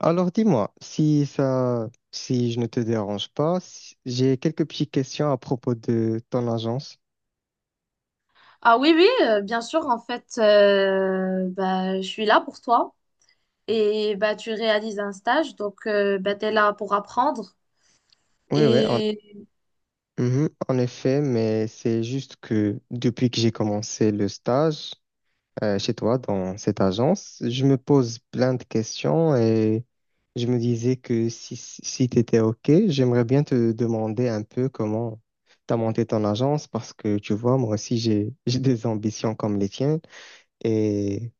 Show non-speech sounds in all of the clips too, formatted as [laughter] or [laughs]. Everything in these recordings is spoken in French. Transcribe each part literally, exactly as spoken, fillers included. Alors dis-moi, si ça, si je ne te dérange pas, si- j'ai quelques petites questions à propos de ton agence. Ah oui, oui, euh, bien sûr, en fait, euh, bah, je suis là pour toi et bah, tu réalises un stage, donc euh, bah, tu es là pour apprendre. Oui, oui, en, Et... mhm, en effet, mais c'est juste que depuis que j'ai commencé le stage euh, chez toi dans cette agence, je me pose plein de questions et je me disais que si, si tu étais OK, j'aimerais bien te demander un peu comment tu as monté ton agence parce que tu vois, moi aussi j'ai j'ai des ambitions comme les tiennes. Et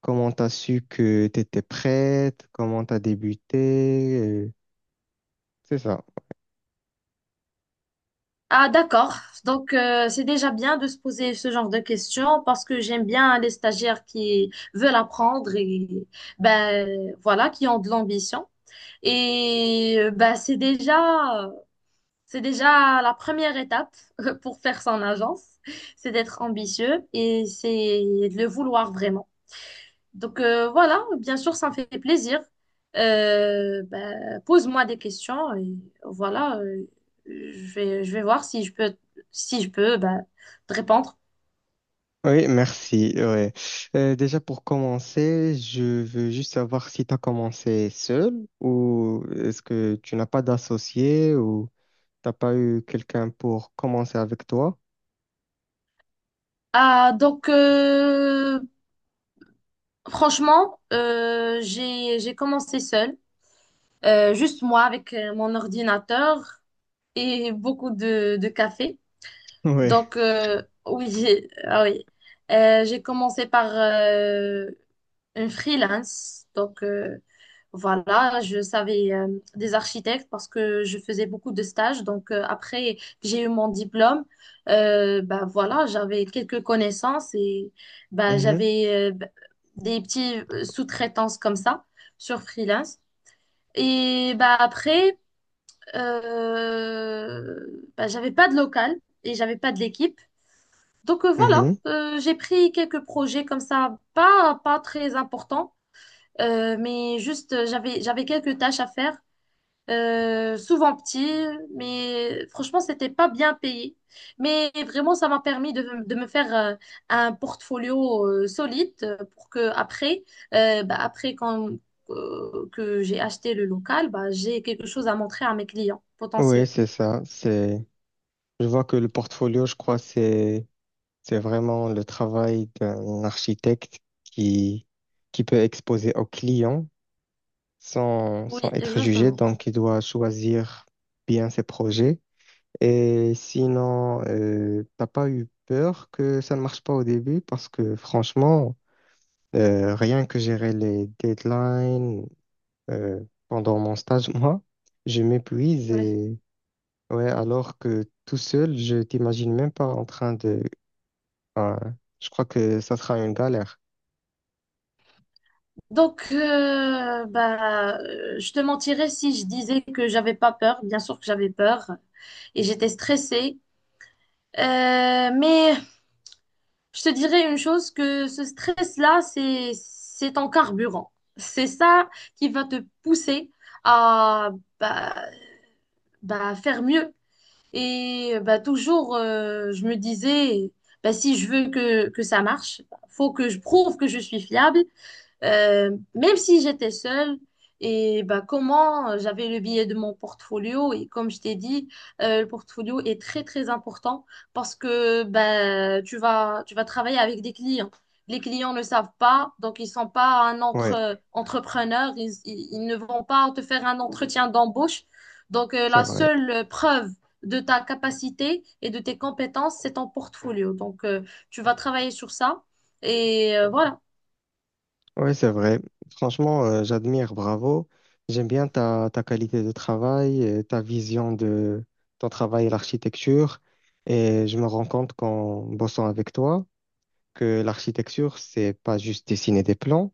comment t'as su que t'étais prête? Comment t'as débuté? Euh, c'est ça. Ah d'accord, donc euh, c'est déjà bien de se poser ce genre de questions parce que j'aime bien les stagiaires qui veulent apprendre et ben voilà, qui ont de l'ambition. Et euh, bah, c'est déjà, c'est déjà la première étape [laughs] pour faire son agence, c'est d'être ambitieux et c'est de le vouloir vraiment. Donc euh, voilà, bien sûr, ça me fait plaisir. Euh, ben, pose-moi des questions et voilà, euh, je vais, je vais voir si je peux, si je peux ben, te répondre. Oui, merci. Ouais. Euh, déjà pour commencer, je veux juste savoir si t'as commencé seul ou est-ce que tu n'as pas d'associé ou t'as pas eu quelqu'un pour commencer avec toi? Ah, donc euh, franchement, euh, j'ai, j'ai commencé seule, euh, juste moi avec euh, mon ordinateur et beaucoup de, de café. Oui. Donc euh, oui, [laughs] j'ai- ah oui, Euh, j'ai commencé par euh, un freelance. Donc, euh, voilà, je savais euh, des architectes parce que je faisais beaucoup de stages. Donc, euh, après que j'ai eu mon diplôme, euh, bah, voilà, j'avais quelques connaissances et bah, j'avais euh, bah, des petites sous-traitances comme ça sur freelance. Et bah, après, euh, bah, j'avais pas de local et j'avais pas de l'équipe. Donc euh, voilà, euh, j'ai pris quelques projets comme ça, pas, pas très importants, euh, mais juste, euh, j'avais, j'avais quelques tâches à faire, euh, souvent petites, mais franchement, c'était pas bien payé. Mais vraiment, ça m'a permis de, de me faire euh, un portfolio euh, solide euh, pour que après, euh, bah, après quand, euh, que j'ai acheté le local, bah, j'ai quelque chose à montrer à mes clients Oui, potentiels. c'est ça. C'est. Je vois que le portfolio, je crois, c'est c'est vraiment le travail d'un architecte qui qui peut exposer aux clients, sans, sans Oui, être jugé. exactement. Donc, il doit choisir bien ses projets. Et sinon, euh, t'as pas eu peur que ça ne marche pas au début parce que franchement, euh, rien que gérer les deadlines euh, pendant mon stage, [laughs] moi, je m'épuise Ouais. et ouais, alors que tout seul, je t'imagine même pas en train de. Ah, je crois que ça sera une galère. Donc, euh, bah, euh, je te mentirais si je disais que j'avais pas peur. Bien sûr que j'avais peur et j'étais stressée. Euh, mais je te dirais une chose, que ce stress-là, c'est, c'est ton carburant. C'est ça qui va te pousser à bah, bah, faire mieux. Et bah, toujours, euh, je me disais, bah, si je veux que, que ça marche, faut que je prouve que je suis fiable, euh, même si j'étais seule, et bah, comment euh, j'avais le billet de mon portfolio, et comme je t'ai dit, euh, le portfolio est très très important parce que bah, tu vas, tu vas travailler avec des clients. Les clients ne savent pas, donc ils sont pas un Ouais, entre, entrepreneur, ils, ils- ils ne vont pas te faire un entretien d'embauche. Donc euh, c'est la vrai. seule preuve de ta capacité et de tes compétences, c'est ton portfolio. Donc euh, tu vas travailler sur ça et euh, voilà. Oui, c'est vrai. Franchement, euh, j'admire, bravo. J'aime bien ta, ta qualité de travail, et ta vision de ton travail et l'architecture. Et je me rends compte qu'en bossant avec toi, que l'architecture, c'est pas juste dessiner des plans.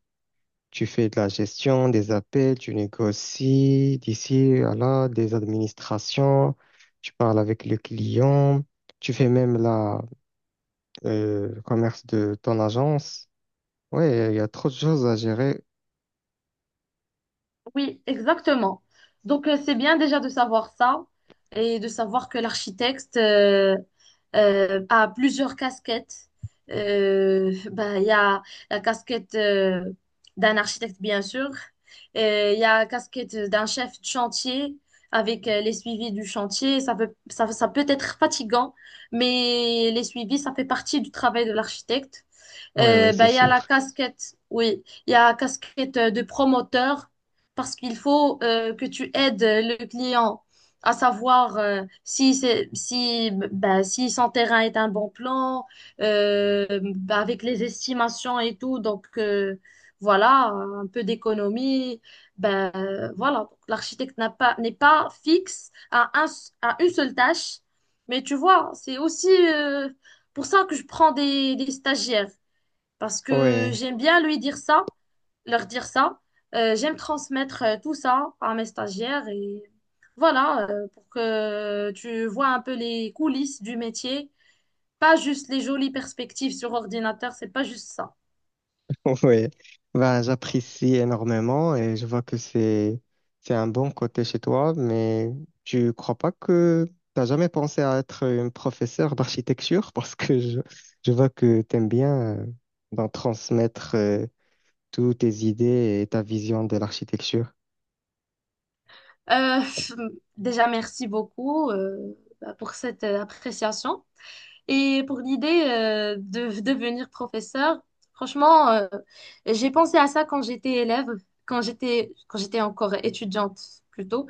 Tu fais de la gestion, des appels, tu négocies d'ici à là, des administrations, tu parles avec le client, tu fais même la, euh, le commerce de ton agence. Oui, il y a trop de choses à gérer. Oui, exactement. Donc, euh, c'est bien déjà de savoir ça et de savoir que l'architecte euh, euh, a plusieurs casquettes. Euh, bah, il y a la casquette euh, d'un architecte, bien sûr. Et il y a la casquette d'un chef de chantier avec euh, les suivis du chantier. Ça peut, ça, ça peut être fatigant, mais les suivis, ça fait partie du travail de l'architecte. Oui, oui, Euh, c'est ben, il y a la sûr. casquette, oui. Il y a la casquette euh, de promoteur parce qu'il faut euh, que tu aides euh, le client à savoir euh, si c'est si ben, si son terrain est un bon plan euh, ben, avec les estimations et tout. Donc euh, voilà, un peu d'économie. Ben euh, voilà, donc, l'architecte n'a pas n'est pas fixe à un à une seule tâche, mais tu vois, c'est aussi euh, pour ça que je prends des, des stagiaires parce que Ouais, j'aime bien lui dire ça, leur dire ça. Euh, j'aime transmettre euh, tout ça à mes stagiaires et voilà, euh, pour que tu vois un peu les coulisses du métier, pas juste les jolies perspectives sur ordinateur, c'est pas juste ça. [laughs] ouais. Ben, j'apprécie énormément et je vois que c'est c'est un bon côté chez toi, mais tu crois pas que t'as jamais pensé à être une professeure d'architecture [laughs] parce que je, je vois que t'aimes bien euh, d'en transmettre euh, toutes tes idées et ta vision de l'architecture. Euh, [laughs] déjà, merci beaucoup euh, bah, pour cette euh, appréciation et pour l'idée euh, de de devenir professeur. Franchement, euh, j'ai pensé à ça quand j'étais élève, quand j'étais quand j'étais encore étudiante plutôt.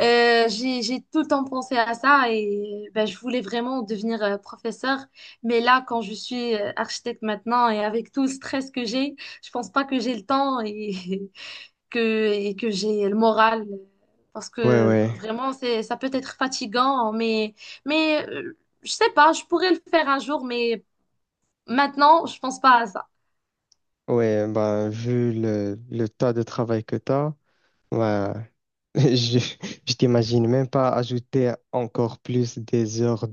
Euh, j'ai, j'ai tout le temps pensé à ça et ben, je voulais vraiment devenir euh, professeur. Mais là, quand je suis euh, architecte maintenant et avec tout le stress que j'ai, je pense pas que j'ai le temps et [laughs] que, et que j'ai le moral. Parce Ouais, que ouais, vraiment, c'est, ça peut être fatigant, mais, mais euh, je sais pas, je pourrais le faire un jour, mais maintenant, je pense pas à ça. ouais. Ben, vu le, le tas de travail que t'as, ben, [laughs] je, je t'imagine même pas ajouter encore plus des heures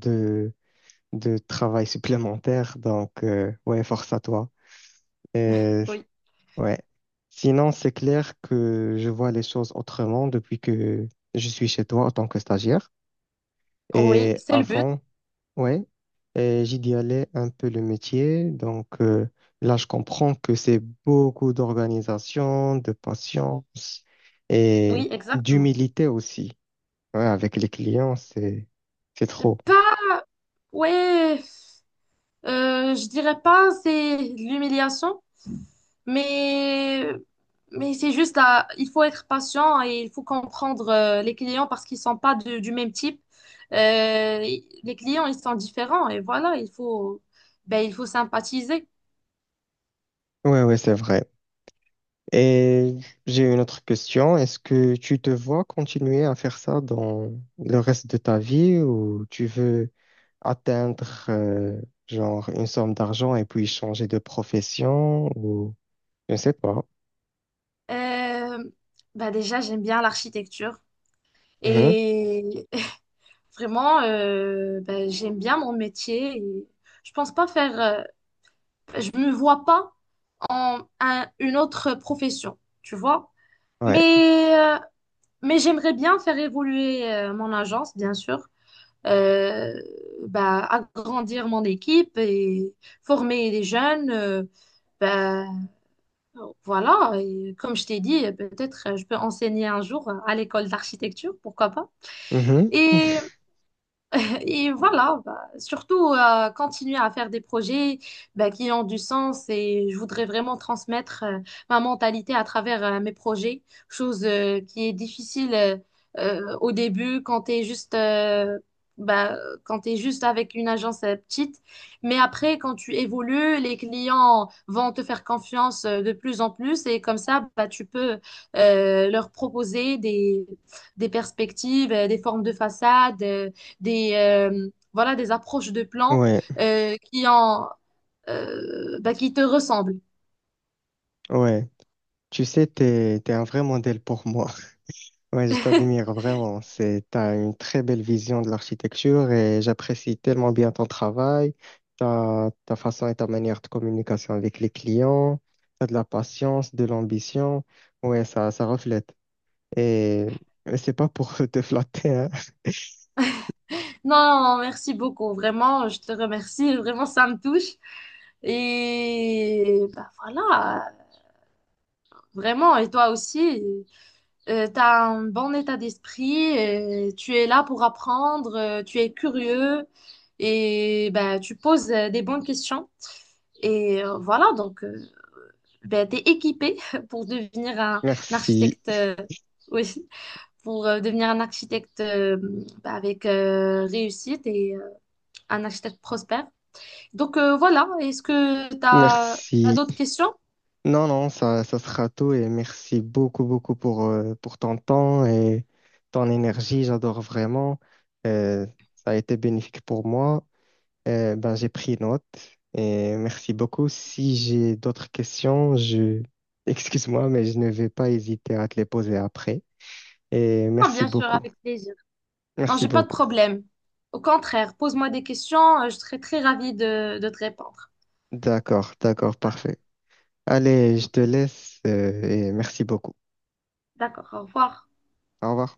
de travail supplémentaire. Donc, euh, ouais, force à toi. Et Oui, ouais. Sinon, c'est clair que je vois les choses autrement depuis que je suis chez toi en tant que stagiaire. oui, Et c'est le but. avant, ouais, et j'idéalais un peu le métier. Donc, euh, là, je comprends que c'est beaucoup d'organisation, de patience et Oui, exactement. d'humilité aussi. Ouais, avec les clients, c'est, c'est trop. Pas, ouais. Euh, je dirais pas c'est l'humiliation, mais, mais c'est juste à- il faut être patient et il faut comprendre euh, les clients parce qu'ils sont pas de- du même type. Euh, les clients, ils sont différents et voilà, il faut, ben, il faut sympathiser. Ouais, ouais, c'est vrai. Et j'ai une autre question. Est-ce que tu te vois continuer à faire ça dans le reste de ta vie ou tu veux atteindre euh, genre une somme d'argent et puis changer de profession ou je ne sais pas. Euh, ben déjà, j'aime bien l'architecture Mhm. et [laughs] vraiment, euh, ben, j'aime bien mon métier. Et je pense pas faire. Euh, Je me vois pas en un- une autre profession, tu vois. Ouais. Mais, euh, mais j'aimerais bien faire évoluer euh, mon agence, bien sûr, euh, bah, agrandir mon équipe et former des jeunes. euh, bah, voilà, et comme je t'ai dit, peut-être euh, je peux enseigner un jour à l'école d'architecture, pourquoi pas. Mhm. Et [laughs] et voilà, bah, surtout euh, continuer à faire des projets bah, qui ont du sens et je voudrais vraiment transmettre euh, ma mentalité à travers euh, mes projets, chose euh, qui est difficile euh, euh, au début quand tu es juste, euh, bah, quand tu juste avec une agence euh, petite. Mais après, quand tu évolues, les clients vont te faire confiance euh, de plus en plus et comme ça, bah, tu peux euh, leur proposer des, des perspectives, euh, des formes de façade. Euh, des, euh, voilà, des approches de plans Ouais. euh, qui ont, euh, bah, qui te ressemblent. Ouais. Tu sais, t'es, t'es un vrai modèle pour moi. Ouais, je t'admire [laughs] vraiment. C'est, t'as une très belle vision de l'architecture et j'apprécie tellement bien ton travail, ta, ta façon et ta manière de communication avec les clients. T'as de la patience, de l'ambition. Ouais, ça, ça reflète. Et et c'est pas pour [laughs] te flatter, hein. Non, merci beaucoup. Vraiment, je te remercie. Vraiment, ça me touche. Et bah, voilà, vraiment. Et toi aussi, euh, tu as un bon état d'esprit. Euh, tu es là pour apprendre. Euh, tu es curieux. Et bah, tu poses euh, des bonnes questions. Et euh, voilà, donc. euh, ben, t'es équipé [laughs] pour devenir un, un Merci, architecte, euh, oui, pour euh, devenir un architecte euh, bah, avec euh, réussite et euh, un architecte prospère. Donc euh, voilà, est-ce que t'as, t'as merci. d'autres questions? Non, non, ça, ça sera tout et merci beaucoup, beaucoup pour, euh, pour ton temps et ton énergie. J'adore vraiment. Euh, Ça a été bénéfique pour moi. Euh, ben, j'ai pris note et merci beaucoup. Si j'ai d'autres questions, je... [laughs] Excuse-moi, mais je ne vais pas hésiter à te les poser après. Et Non, merci bien sûr, beaucoup. avec plaisir. Non, Merci j'ai pas de beaucoup. problème. Au contraire, pose-moi des questions, euh, je serai très ravie de, de te répondre. D'accord, d'accord, parfait. Allez, je te laisse euh, et merci beaucoup. D'accord, au revoir. Au revoir.